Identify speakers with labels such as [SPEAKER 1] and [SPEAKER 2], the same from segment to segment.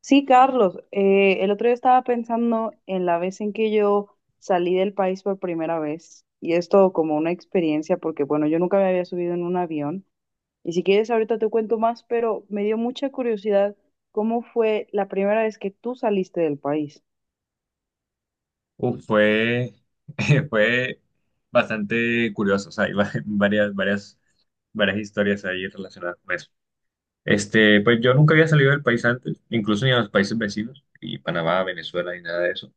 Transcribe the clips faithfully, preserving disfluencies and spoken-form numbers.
[SPEAKER 1] Sí, Carlos, eh, el otro día estaba pensando en la vez en que yo salí del país por primera vez y esto como una experiencia porque bueno, yo nunca me había subido en un avión y si quieres ahorita te cuento más, pero me dio mucha curiosidad cómo fue la primera vez que tú saliste del país.
[SPEAKER 2] Uf, fue, fue bastante curioso. O sea, hay va- varias, varias, varias historias ahí relacionadas con eso. Este, pues yo nunca había salido del país antes, incluso ni a los países vecinos, y Panamá, Venezuela, ni nada de eso.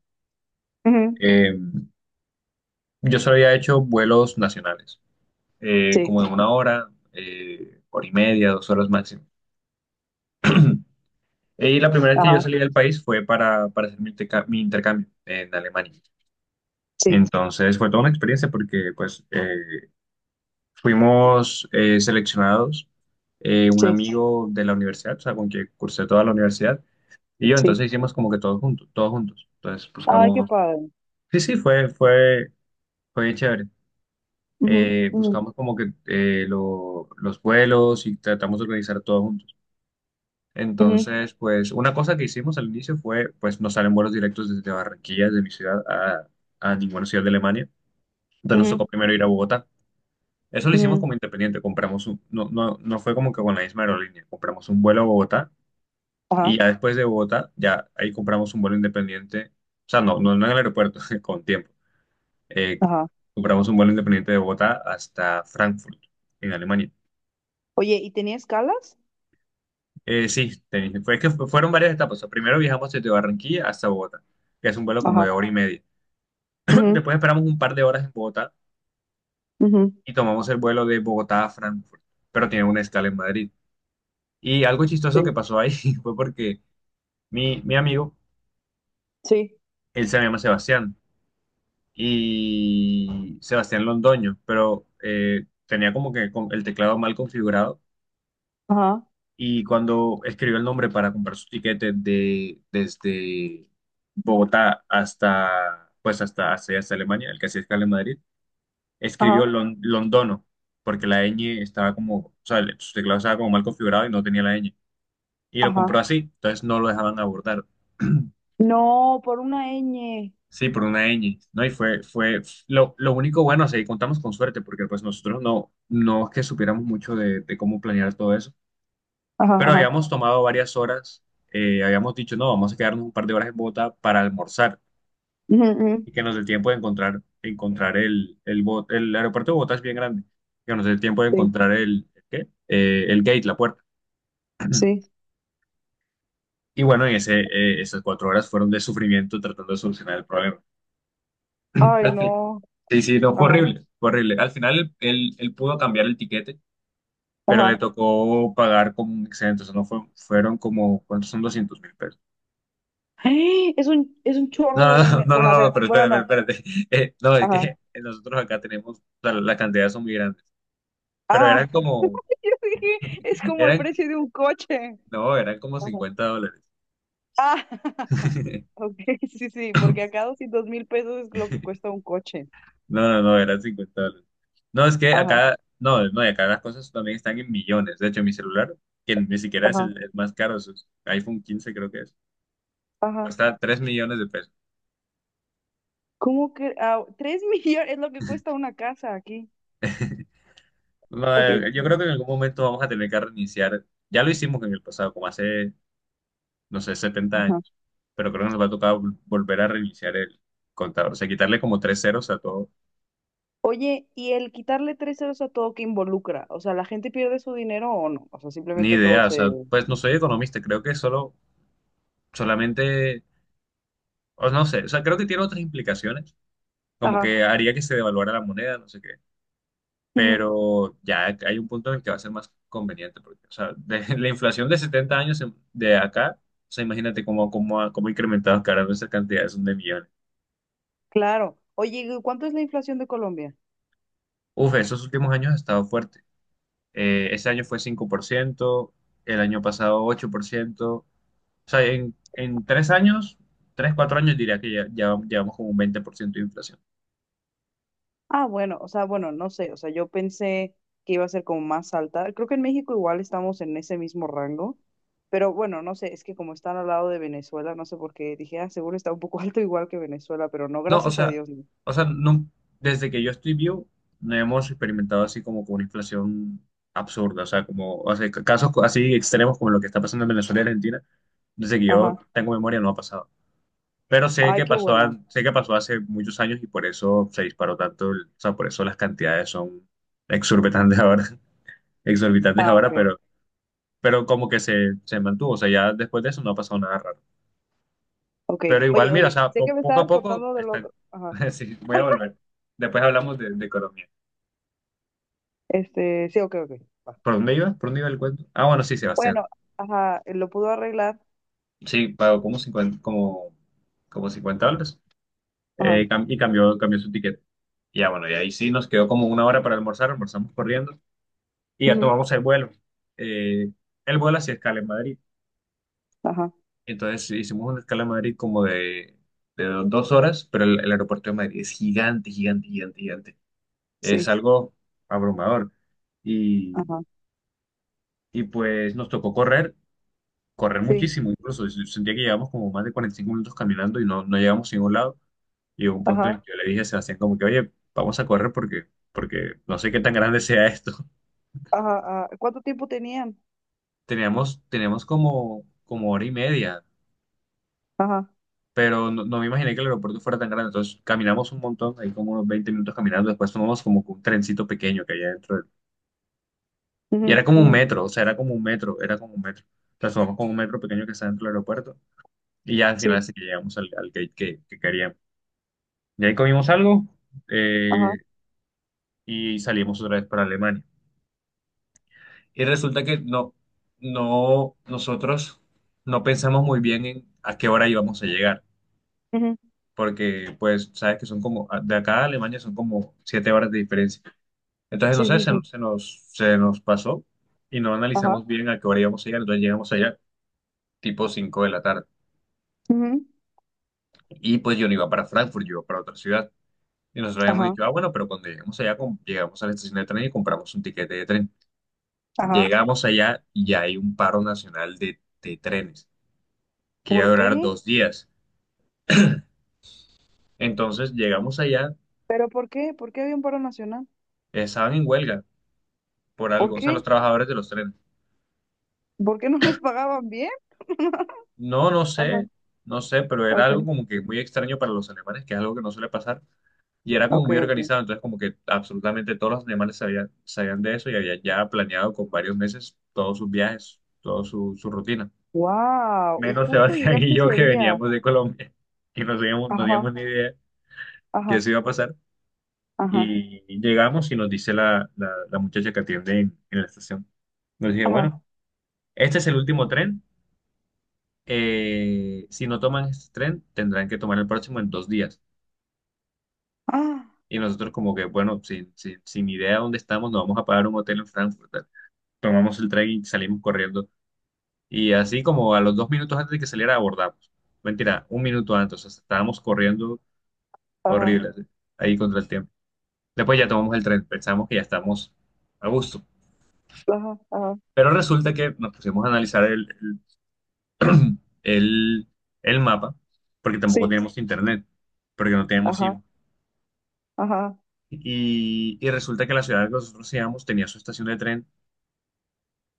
[SPEAKER 1] Ujú,
[SPEAKER 2] Eh, yo solo había hecho vuelos nacionales, eh,
[SPEAKER 1] sí,
[SPEAKER 2] como de una hora, eh, hora y media, dos horas máximo. Y la primera vez que yo
[SPEAKER 1] ajá,
[SPEAKER 2] salí del país fue para, para hacer mi, interca- mi intercambio en Alemania.
[SPEAKER 1] sí,
[SPEAKER 2] Entonces fue toda una experiencia porque pues, eh, fuimos, eh, seleccionados, eh, un
[SPEAKER 1] sí,
[SPEAKER 2] amigo de la universidad, o sea, con quien cursé toda la universidad, y yo.
[SPEAKER 1] sí.
[SPEAKER 2] Entonces hicimos como que todos juntos, todos juntos. Entonces
[SPEAKER 1] Ay, qué
[SPEAKER 2] buscamos.
[SPEAKER 1] padre.
[SPEAKER 2] Sí, sí, fue, fue, fue bien chévere.
[SPEAKER 1] Ujú,
[SPEAKER 2] Eh,
[SPEAKER 1] ujú,
[SPEAKER 2] buscamos como que, eh, lo- los vuelos y tratamos de organizar todos juntos.
[SPEAKER 1] ujú,
[SPEAKER 2] Entonces, pues una cosa que hicimos al inicio fue, pues no salen vuelos directos desde Barranquilla, desde mi ciudad, a, a ninguna ciudad de Alemania. Entonces nos
[SPEAKER 1] ujú,
[SPEAKER 2] tocó primero ir a Bogotá. Eso lo hicimos
[SPEAKER 1] ujú,
[SPEAKER 2] como independiente. Compramos un, no, no, no, fue como que con la misma aerolínea. Compramos un vuelo a Bogotá y
[SPEAKER 1] ajá,
[SPEAKER 2] ya después de Bogotá, ya ahí compramos un vuelo independiente. O sea, no, no, no en el aeropuerto, con tiempo. Eh,
[SPEAKER 1] ajá.
[SPEAKER 2] Compramos un vuelo independiente de Bogotá hasta Frankfurt, en Alemania.
[SPEAKER 1] Oye, ¿y tenía escalas?
[SPEAKER 2] Eh, sí, te- fue que fu- fueron varias etapas. O sea, primero viajamos desde Barranquilla hasta Bogotá, que es un vuelo como
[SPEAKER 1] Ajá.
[SPEAKER 2] de hora y media.
[SPEAKER 1] Mhm.
[SPEAKER 2] Después esperamos un par de horas en Bogotá
[SPEAKER 1] Mhm.
[SPEAKER 2] y tomamos el vuelo de Bogotá a Frankfurt, pero tiene una escala en Madrid. Y algo
[SPEAKER 1] Sí,
[SPEAKER 2] chistoso que pasó ahí fue porque mi, mi amigo,
[SPEAKER 1] sí,
[SPEAKER 2] él se llama Sebastián, y Sebastián Londoño, pero eh, tenía como que con- el teclado mal configurado
[SPEAKER 1] ajá.
[SPEAKER 2] y cuando escribió el nombre para comprar su tiquete de, desde Bogotá hasta, pues hasta, hasta, hasta Alemania, el que hacía escala en Madrid, escribió
[SPEAKER 1] Ajá,
[SPEAKER 2] Lon- Londono, porque la ñ estaba como, o sea, el- su teclado estaba como mal configurado y no tenía la ñ. Y lo compró
[SPEAKER 1] ajá.
[SPEAKER 2] así, entonces no lo dejaban abordar.
[SPEAKER 1] No, por una ñ.
[SPEAKER 2] Sí, por una ñ. No, y fue, fue lo, lo único bueno. O sea, contamos con suerte, porque pues nosotros, no, no es que supiéramos mucho de, de cómo planear todo eso,
[SPEAKER 1] Ajá,
[SPEAKER 2] pero
[SPEAKER 1] ajá.
[SPEAKER 2] habíamos tomado varias horas. Eh, habíamos dicho, no, vamos a quedarnos un par de horas en Bogotá para almorzar
[SPEAKER 1] Ujú, ujú.
[SPEAKER 2] y que nos dé tiempo de encontrar, encontrar el, el, Bo- el aeropuerto de Bogotá es bien grande, que nos dé tiempo de
[SPEAKER 1] Sí,
[SPEAKER 2] encontrar el, ¿el ¿qué? Eh, ¿el gate, la puerta?
[SPEAKER 1] sí.
[SPEAKER 2] Y bueno, en ese, eh, esas cuatro horas fueron de sufrimiento tratando de solucionar el problema.
[SPEAKER 1] Ay, no.
[SPEAKER 2] Sí, sí, no, fue
[SPEAKER 1] Ajá,
[SPEAKER 2] horrible, fue horrible. Al final él, él- pudo cambiar el tiquete, pero le
[SPEAKER 1] ajá.
[SPEAKER 2] tocó pagar como un excedente, o sea, no fue- fueron como, ¿cuántos son doscientos mil pesos?
[SPEAKER 1] ¡Eh! Es un, es un chorro
[SPEAKER 2] No,
[SPEAKER 1] de
[SPEAKER 2] no,
[SPEAKER 1] dinero.
[SPEAKER 2] no, no,
[SPEAKER 1] Bueno, a
[SPEAKER 2] no, no,
[SPEAKER 1] ver,
[SPEAKER 2] pero
[SPEAKER 1] bueno,
[SPEAKER 2] espérate,
[SPEAKER 1] no.
[SPEAKER 2] espérate, espérate. Eh, no, es
[SPEAKER 1] Ajá.
[SPEAKER 2] que nosotros acá tenemos, o sea, las cantidades son muy grandes, pero
[SPEAKER 1] Ah,
[SPEAKER 2] eran
[SPEAKER 1] yo
[SPEAKER 2] como,
[SPEAKER 1] dije, es como el
[SPEAKER 2] eran,
[SPEAKER 1] precio de un coche.
[SPEAKER 2] no, eran como
[SPEAKER 1] Ajá.
[SPEAKER 2] cincuenta dólares.
[SPEAKER 1] Ah, ok, sí, sí, porque acá dos mil pesos es lo que cuesta un coche.
[SPEAKER 2] No, no, no, eran cincuenta dólares. No, es que
[SPEAKER 1] Ajá,
[SPEAKER 2] acá, no, no, y acá las cosas también están en millones. De hecho, mi celular, que ni siquiera es
[SPEAKER 1] ajá,
[SPEAKER 2] el, el más caro, es iPhone quince, creo que es.
[SPEAKER 1] ajá.
[SPEAKER 2] Cuesta tres millones de pesos.
[SPEAKER 1] ¿Cómo que? Ah, tres millones es lo que cuesta una casa aquí.
[SPEAKER 2] No,
[SPEAKER 1] Ok.
[SPEAKER 2] eh, yo creo que en algún momento vamos a tener que reiniciar. Ya lo hicimos en el pasado, como hace, no sé, setenta años. Pero creo que nos va a tocar vol- volver a reiniciar el contador. O sea, quitarle como tres ceros a todo.
[SPEAKER 1] Oye, ¿y el quitarle tres ceros a todo que involucra? O sea, ¿la gente pierde su dinero o no? O sea,
[SPEAKER 2] Ni
[SPEAKER 1] simplemente todo
[SPEAKER 2] idea. O sea,
[SPEAKER 1] se...
[SPEAKER 2] pues no soy economista. Creo que solo, solamente, o no sé. O sea, creo que tiene otras implicaciones. Como
[SPEAKER 1] Ajá,
[SPEAKER 2] que haría que se devaluara la moneda, no sé qué.
[SPEAKER 1] ujú,
[SPEAKER 2] Pero ya hay un punto en el que va a ser más conveniente, porque, o sea, de la inflación de setenta años en- de acá. O sea, imagínate cómo, cómo, ha- cómo ha incrementado cada vez. Esa cantidad son de millones.
[SPEAKER 1] claro. Oye, ¿y cuánto es la inflación de Colombia?
[SPEAKER 2] Uf, esos últimos años ha estado fuerte. Eh, ese año fue cinco por ciento, el año pasado ocho por ciento, o sea, en en tres años, tres, cuatro años, diría que ya, ya llevamos como un veinte por ciento de inflación.
[SPEAKER 1] Ah, bueno, o sea, bueno, no sé, o sea, yo pensé que iba a ser como más alta. Creo que en México igual estamos en ese mismo rango, pero bueno, no sé, es que como están al lado de Venezuela, no sé por qué, dije, ah, seguro está un poco alto igual que Venezuela, pero no,
[SPEAKER 2] No, o
[SPEAKER 1] gracias a
[SPEAKER 2] sea,
[SPEAKER 1] Dios, no.
[SPEAKER 2] o sea, no, desde que yo estoy vivo, no hemos experimentado así como con una inflación absurda. O sea, como, o sea, ca- casos co- así extremos como lo que está pasando en Venezuela y Argentina. Desde que yo
[SPEAKER 1] Ajá.
[SPEAKER 2] tengo memoria no ha pasado. Pero sé
[SPEAKER 1] Ay,
[SPEAKER 2] que
[SPEAKER 1] qué
[SPEAKER 2] pasó,
[SPEAKER 1] bueno.
[SPEAKER 2] an- sé que pasó hace muchos años y por eso se disparó tanto, el- o sea, por eso las cantidades son exorbitantes ahora, exorbitantes
[SPEAKER 1] Ah,
[SPEAKER 2] ahora.
[SPEAKER 1] ok,
[SPEAKER 2] Pero, pero como que se, se mantuvo. O sea, ya después de eso no ha pasado nada raro.
[SPEAKER 1] ok.
[SPEAKER 2] Pero igual,
[SPEAKER 1] Oye,
[SPEAKER 2] mira, o
[SPEAKER 1] oye,
[SPEAKER 2] sea,
[SPEAKER 1] sé que
[SPEAKER 2] po-
[SPEAKER 1] me
[SPEAKER 2] poco a
[SPEAKER 1] estabas
[SPEAKER 2] poco
[SPEAKER 1] contando del
[SPEAKER 2] está...
[SPEAKER 1] otro. Ajá.
[SPEAKER 2] Sí, voy a volver. Después hablamos de, de economía.
[SPEAKER 1] Este, sí, ok, ok. Va.
[SPEAKER 2] ¿Por dónde iba? ¿Por dónde iba el cuento? Ah, bueno, sí, Sebastián.
[SPEAKER 1] Bueno, ajá, lo pudo arreglar.
[SPEAKER 2] Sí, pagó como cincuenta como, como cincuenta dólares.
[SPEAKER 1] Ajá,
[SPEAKER 2] Eh, cam- y cambió, cambió su ticket. Y ya, bueno, y ahí sí nos quedó como una hora para almorzar, almorzamos corriendo y ya
[SPEAKER 1] ujú,
[SPEAKER 2] tomamos el vuelo. Eh, el vuelo hacía escala en Madrid.
[SPEAKER 1] ajá,
[SPEAKER 2] Entonces hicimos una escala en Madrid como de, de do- dos horas, pero el, el aeropuerto de Madrid es gigante, gigante, gigante, gigante. Es
[SPEAKER 1] sí,
[SPEAKER 2] algo abrumador. Y,
[SPEAKER 1] ajá,
[SPEAKER 2] y pues nos tocó correr, correr
[SPEAKER 1] sí,
[SPEAKER 2] muchísimo, incluso yo sentía que llevamos como más de cuarenta y cinco minutos caminando y no, no llegamos a ningún lado. Y llegó un punto en
[SPEAKER 1] ajá,
[SPEAKER 2] el que yo le dije a Sebastián como que, oye, vamos a correr porque, porque no sé qué tan grande sea esto.
[SPEAKER 1] ajá, ajá. ¿Cuánto tiempo tenían?
[SPEAKER 2] Teníamos, teníamos como, como hora y media,
[SPEAKER 1] Ajá,
[SPEAKER 2] pero no, no me imaginé que el aeropuerto fuera tan grande. Entonces caminamos un montón, ahí como unos veinte minutos caminando, después tomamos como que un trencito pequeño que había dentro. Y
[SPEAKER 1] ujú,
[SPEAKER 2] era como un
[SPEAKER 1] ujú,
[SPEAKER 2] metro, o sea, era como un metro, era como un metro. O sea, somos como un metro pequeño que está dentro del aeropuerto, y ya al final
[SPEAKER 1] sí,
[SPEAKER 2] sí que llegamos al, al gate que, que queríamos. Y ahí comimos algo,
[SPEAKER 1] ajá,
[SPEAKER 2] eh, y salimos otra vez para Alemania. Y resulta que no, no, nosotros no pensamos muy bien en a qué hora íbamos a llegar,
[SPEAKER 1] ujú,
[SPEAKER 2] porque pues sabes que son como, de acá a Alemania son como siete horas de diferencia. Entonces, no
[SPEAKER 1] sí,
[SPEAKER 2] sé,
[SPEAKER 1] sí,
[SPEAKER 2] se,
[SPEAKER 1] sí,
[SPEAKER 2] nos, se nos se nos pasó y no
[SPEAKER 1] ajá,
[SPEAKER 2] analizamos bien a qué hora íbamos a llegar, entonces llegamos allá tipo cinco de la tarde.
[SPEAKER 1] ujú,
[SPEAKER 2] Y pues yo no iba para Frankfurt, yo iba para otra ciudad. Y nosotros habíamos
[SPEAKER 1] ajá,
[SPEAKER 2] dicho, ah, bueno, pero cuando lleguemos allá, com- llegamos a la estación de tren y compramos un tiquete de tren.
[SPEAKER 1] ajá.
[SPEAKER 2] Llegamos allá y ya hay un paro nacional de, de trenes que iba a
[SPEAKER 1] ¿Por
[SPEAKER 2] durar
[SPEAKER 1] qué?
[SPEAKER 2] dos días. Entonces llegamos allá,
[SPEAKER 1] ¿Pero por qué? ¿Por qué había un paro nacional?
[SPEAKER 2] estaban en huelga por
[SPEAKER 1] ¿Por
[SPEAKER 2] algo, o sea, los
[SPEAKER 1] qué?
[SPEAKER 2] trabajadores de los trenes.
[SPEAKER 1] ¿Por qué no les pagaban bien?
[SPEAKER 2] No, no
[SPEAKER 1] Ajá,
[SPEAKER 2] sé, no sé, pero era
[SPEAKER 1] ok,
[SPEAKER 2] algo como que muy extraño para los alemanes, que es algo que no suele pasar. Y era como
[SPEAKER 1] ok,
[SPEAKER 2] muy
[SPEAKER 1] ok.
[SPEAKER 2] organizado, entonces como que absolutamente todos los animales sabían, sabían de eso, y había ya planeado con varios meses todos sus viajes, toda su, su rutina.
[SPEAKER 1] Wow, y
[SPEAKER 2] Menos
[SPEAKER 1] justo
[SPEAKER 2] Sebastián y
[SPEAKER 1] llegaste
[SPEAKER 2] yo,
[SPEAKER 1] ese
[SPEAKER 2] que
[SPEAKER 1] día.
[SPEAKER 2] veníamos de Colombia y no teníamos, no
[SPEAKER 1] Ajá,
[SPEAKER 2] teníamos ni idea que
[SPEAKER 1] ajá,
[SPEAKER 2] eso iba a pasar.
[SPEAKER 1] ajá,
[SPEAKER 2] Y llegamos y nos dice la, la, la muchacha que atiende en, en la estación. Nos dice,
[SPEAKER 1] ajá,
[SPEAKER 2] bueno, este es el último tren. Eh, si no toman este tren, tendrán que tomar el próximo en dos días.
[SPEAKER 1] ah,
[SPEAKER 2] Y nosotros como que, bueno, sin, sin, sin idea de dónde estamos, nos vamos a pagar un hotel en Frankfurt. Tomamos el tren y salimos corriendo. Y así como a los dos minutos antes de que saliera, abordamos. Mentira, un minuto antes, o sea, estábamos corriendo
[SPEAKER 1] ajá.
[SPEAKER 2] horrible, así, ahí contra el tiempo. Después ya tomamos el tren, pensamos que ya estamos a gusto.
[SPEAKER 1] Ajá, ajá,
[SPEAKER 2] Pero resulta que nos pusimos a analizar el, el, el- el mapa, porque tampoco
[SPEAKER 1] sí,
[SPEAKER 2] teníamos internet, porque no teníamos
[SPEAKER 1] ajá,
[SPEAKER 2] SIM.
[SPEAKER 1] ajá.
[SPEAKER 2] Y, y resulta que la ciudad que nosotros íbamos tenía su estación de tren,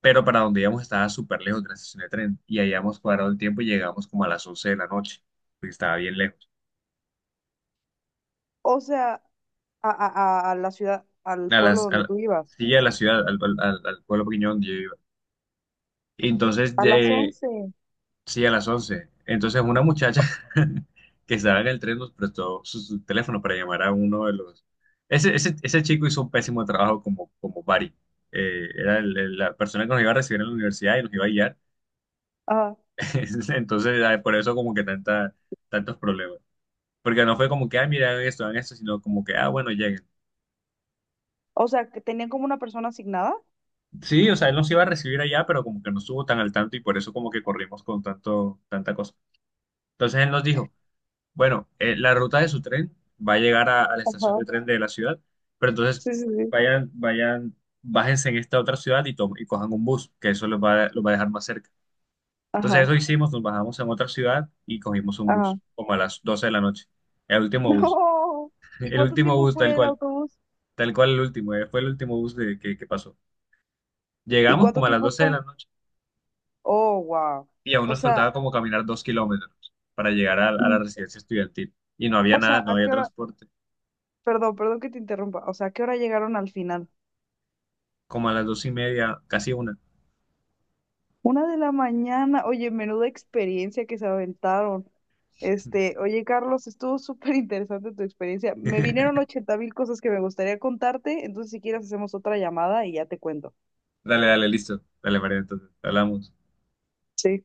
[SPEAKER 2] pero para donde íbamos estaba súper lejos de la estación de tren, y habíamos cuadrado el tiempo y llegamos como a las once de la noche, porque estaba bien lejos,
[SPEAKER 1] O sea, a, a, a a la ciudad, al
[SPEAKER 2] a
[SPEAKER 1] pueblo
[SPEAKER 2] las, a
[SPEAKER 1] donde
[SPEAKER 2] la-
[SPEAKER 1] tú ibas.
[SPEAKER 2] sí, a la ciudad, al, al- al- al pueblo pequeño donde yo iba. Y entonces,
[SPEAKER 1] A las
[SPEAKER 2] de,
[SPEAKER 1] once.
[SPEAKER 2] sí, a las once. Entonces una muchacha que estaba en el tren nos prestó su, su teléfono para llamar a uno de los... Ese, ese, ese chico hizo un pésimo trabajo como, como Bari. Eh, era el- el- la persona que nos iba a recibir en la universidad y nos iba a guiar.
[SPEAKER 1] Ajá.
[SPEAKER 2] Entonces, ah, por eso como que tanta, tantos problemas. Porque no fue como que, ah, mira, hagan esto, hagan esto, sino como que, ah, bueno, lleguen.
[SPEAKER 1] O sea, que tenían como una persona asignada.
[SPEAKER 2] Sí, o sea, él nos iba a recibir allá, pero como que no estuvo tan al tanto y por eso como que corrimos con tanto, tanta cosa. Entonces él nos dijo, bueno, eh, la ruta de su tren va a llegar a, a la estación
[SPEAKER 1] Ajá,
[SPEAKER 2] de tren de la ciudad, pero entonces
[SPEAKER 1] sí, sí, sí.
[SPEAKER 2] vayan, vayan, bájense en esta otra ciudad y, tomen- y cojan un bus, que eso los va, a- los va a dejar más cerca. Entonces eso
[SPEAKER 1] Ajá,
[SPEAKER 2] hicimos, nos bajamos en otra ciudad y cogimos un
[SPEAKER 1] ajá.
[SPEAKER 2] bus, como a las doce de la noche, el último bus,
[SPEAKER 1] No. ¿Y
[SPEAKER 2] el
[SPEAKER 1] cuánto
[SPEAKER 2] último
[SPEAKER 1] tiempo
[SPEAKER 2] bus tal
[SPEAKER 1] fue el
[SPEAKER 2] cual.
[SPEAKER 1] autobús?
[SPEAKER 2] Tal cual el último. eh, Fue el último bus de, que, que pasó.
[SPEAKER 1] ¿Y
[SPEAKER 2] Llegamos
[SPEAKER 1] cuánto
[SPEAKER 2] como a las
[SPEAKER 1] tiempo
[SPEAKER 2] doce de la
[SPEAKER 1] fue?
[SPEAKER 2] noche
[SPEAKER 1] Oh, wow.
[SPEAKER 2] y aún
[SPEAKER 1] O
[SPEAKER 2] nos
[SPEAKER 1] sea,
[SPEAKER 2] faltaba como caminar dos kilómetros para llegar a, a la
[SPEAKER 1] mm,
[SPEAKER 2] residencia estudiantil. Y no había
[SPEAKER 1] o sea,
[SPEAKER 2] nada, no
[SPEAKER 1] ¿a
[SPEAKER 2] había
[SPEAKER 1] qué hora?
[SPEAKER 2] transporte.
[SPEAKER 1] Perdón, perdón que te interrumpa. O sea, ¿a qué hora llegaron al final?
[SPEAKER 2] Como a las dos y media, casi una.
[SPEAKER 1] Una de la mañana, oye, menuda experiencia que se aventaron. Este, oye, Carlos, estuvo súper interesante tu experiencia. Me vinieron ochenta mil cosas que me gustaría contarte, entonces si quieres hacemos otra llamada y ya te cuento.
[SPEAKER 2] Dale, dale, listo. Dale, María, entonces, hablamos.
[SPEAKER 1] Sí.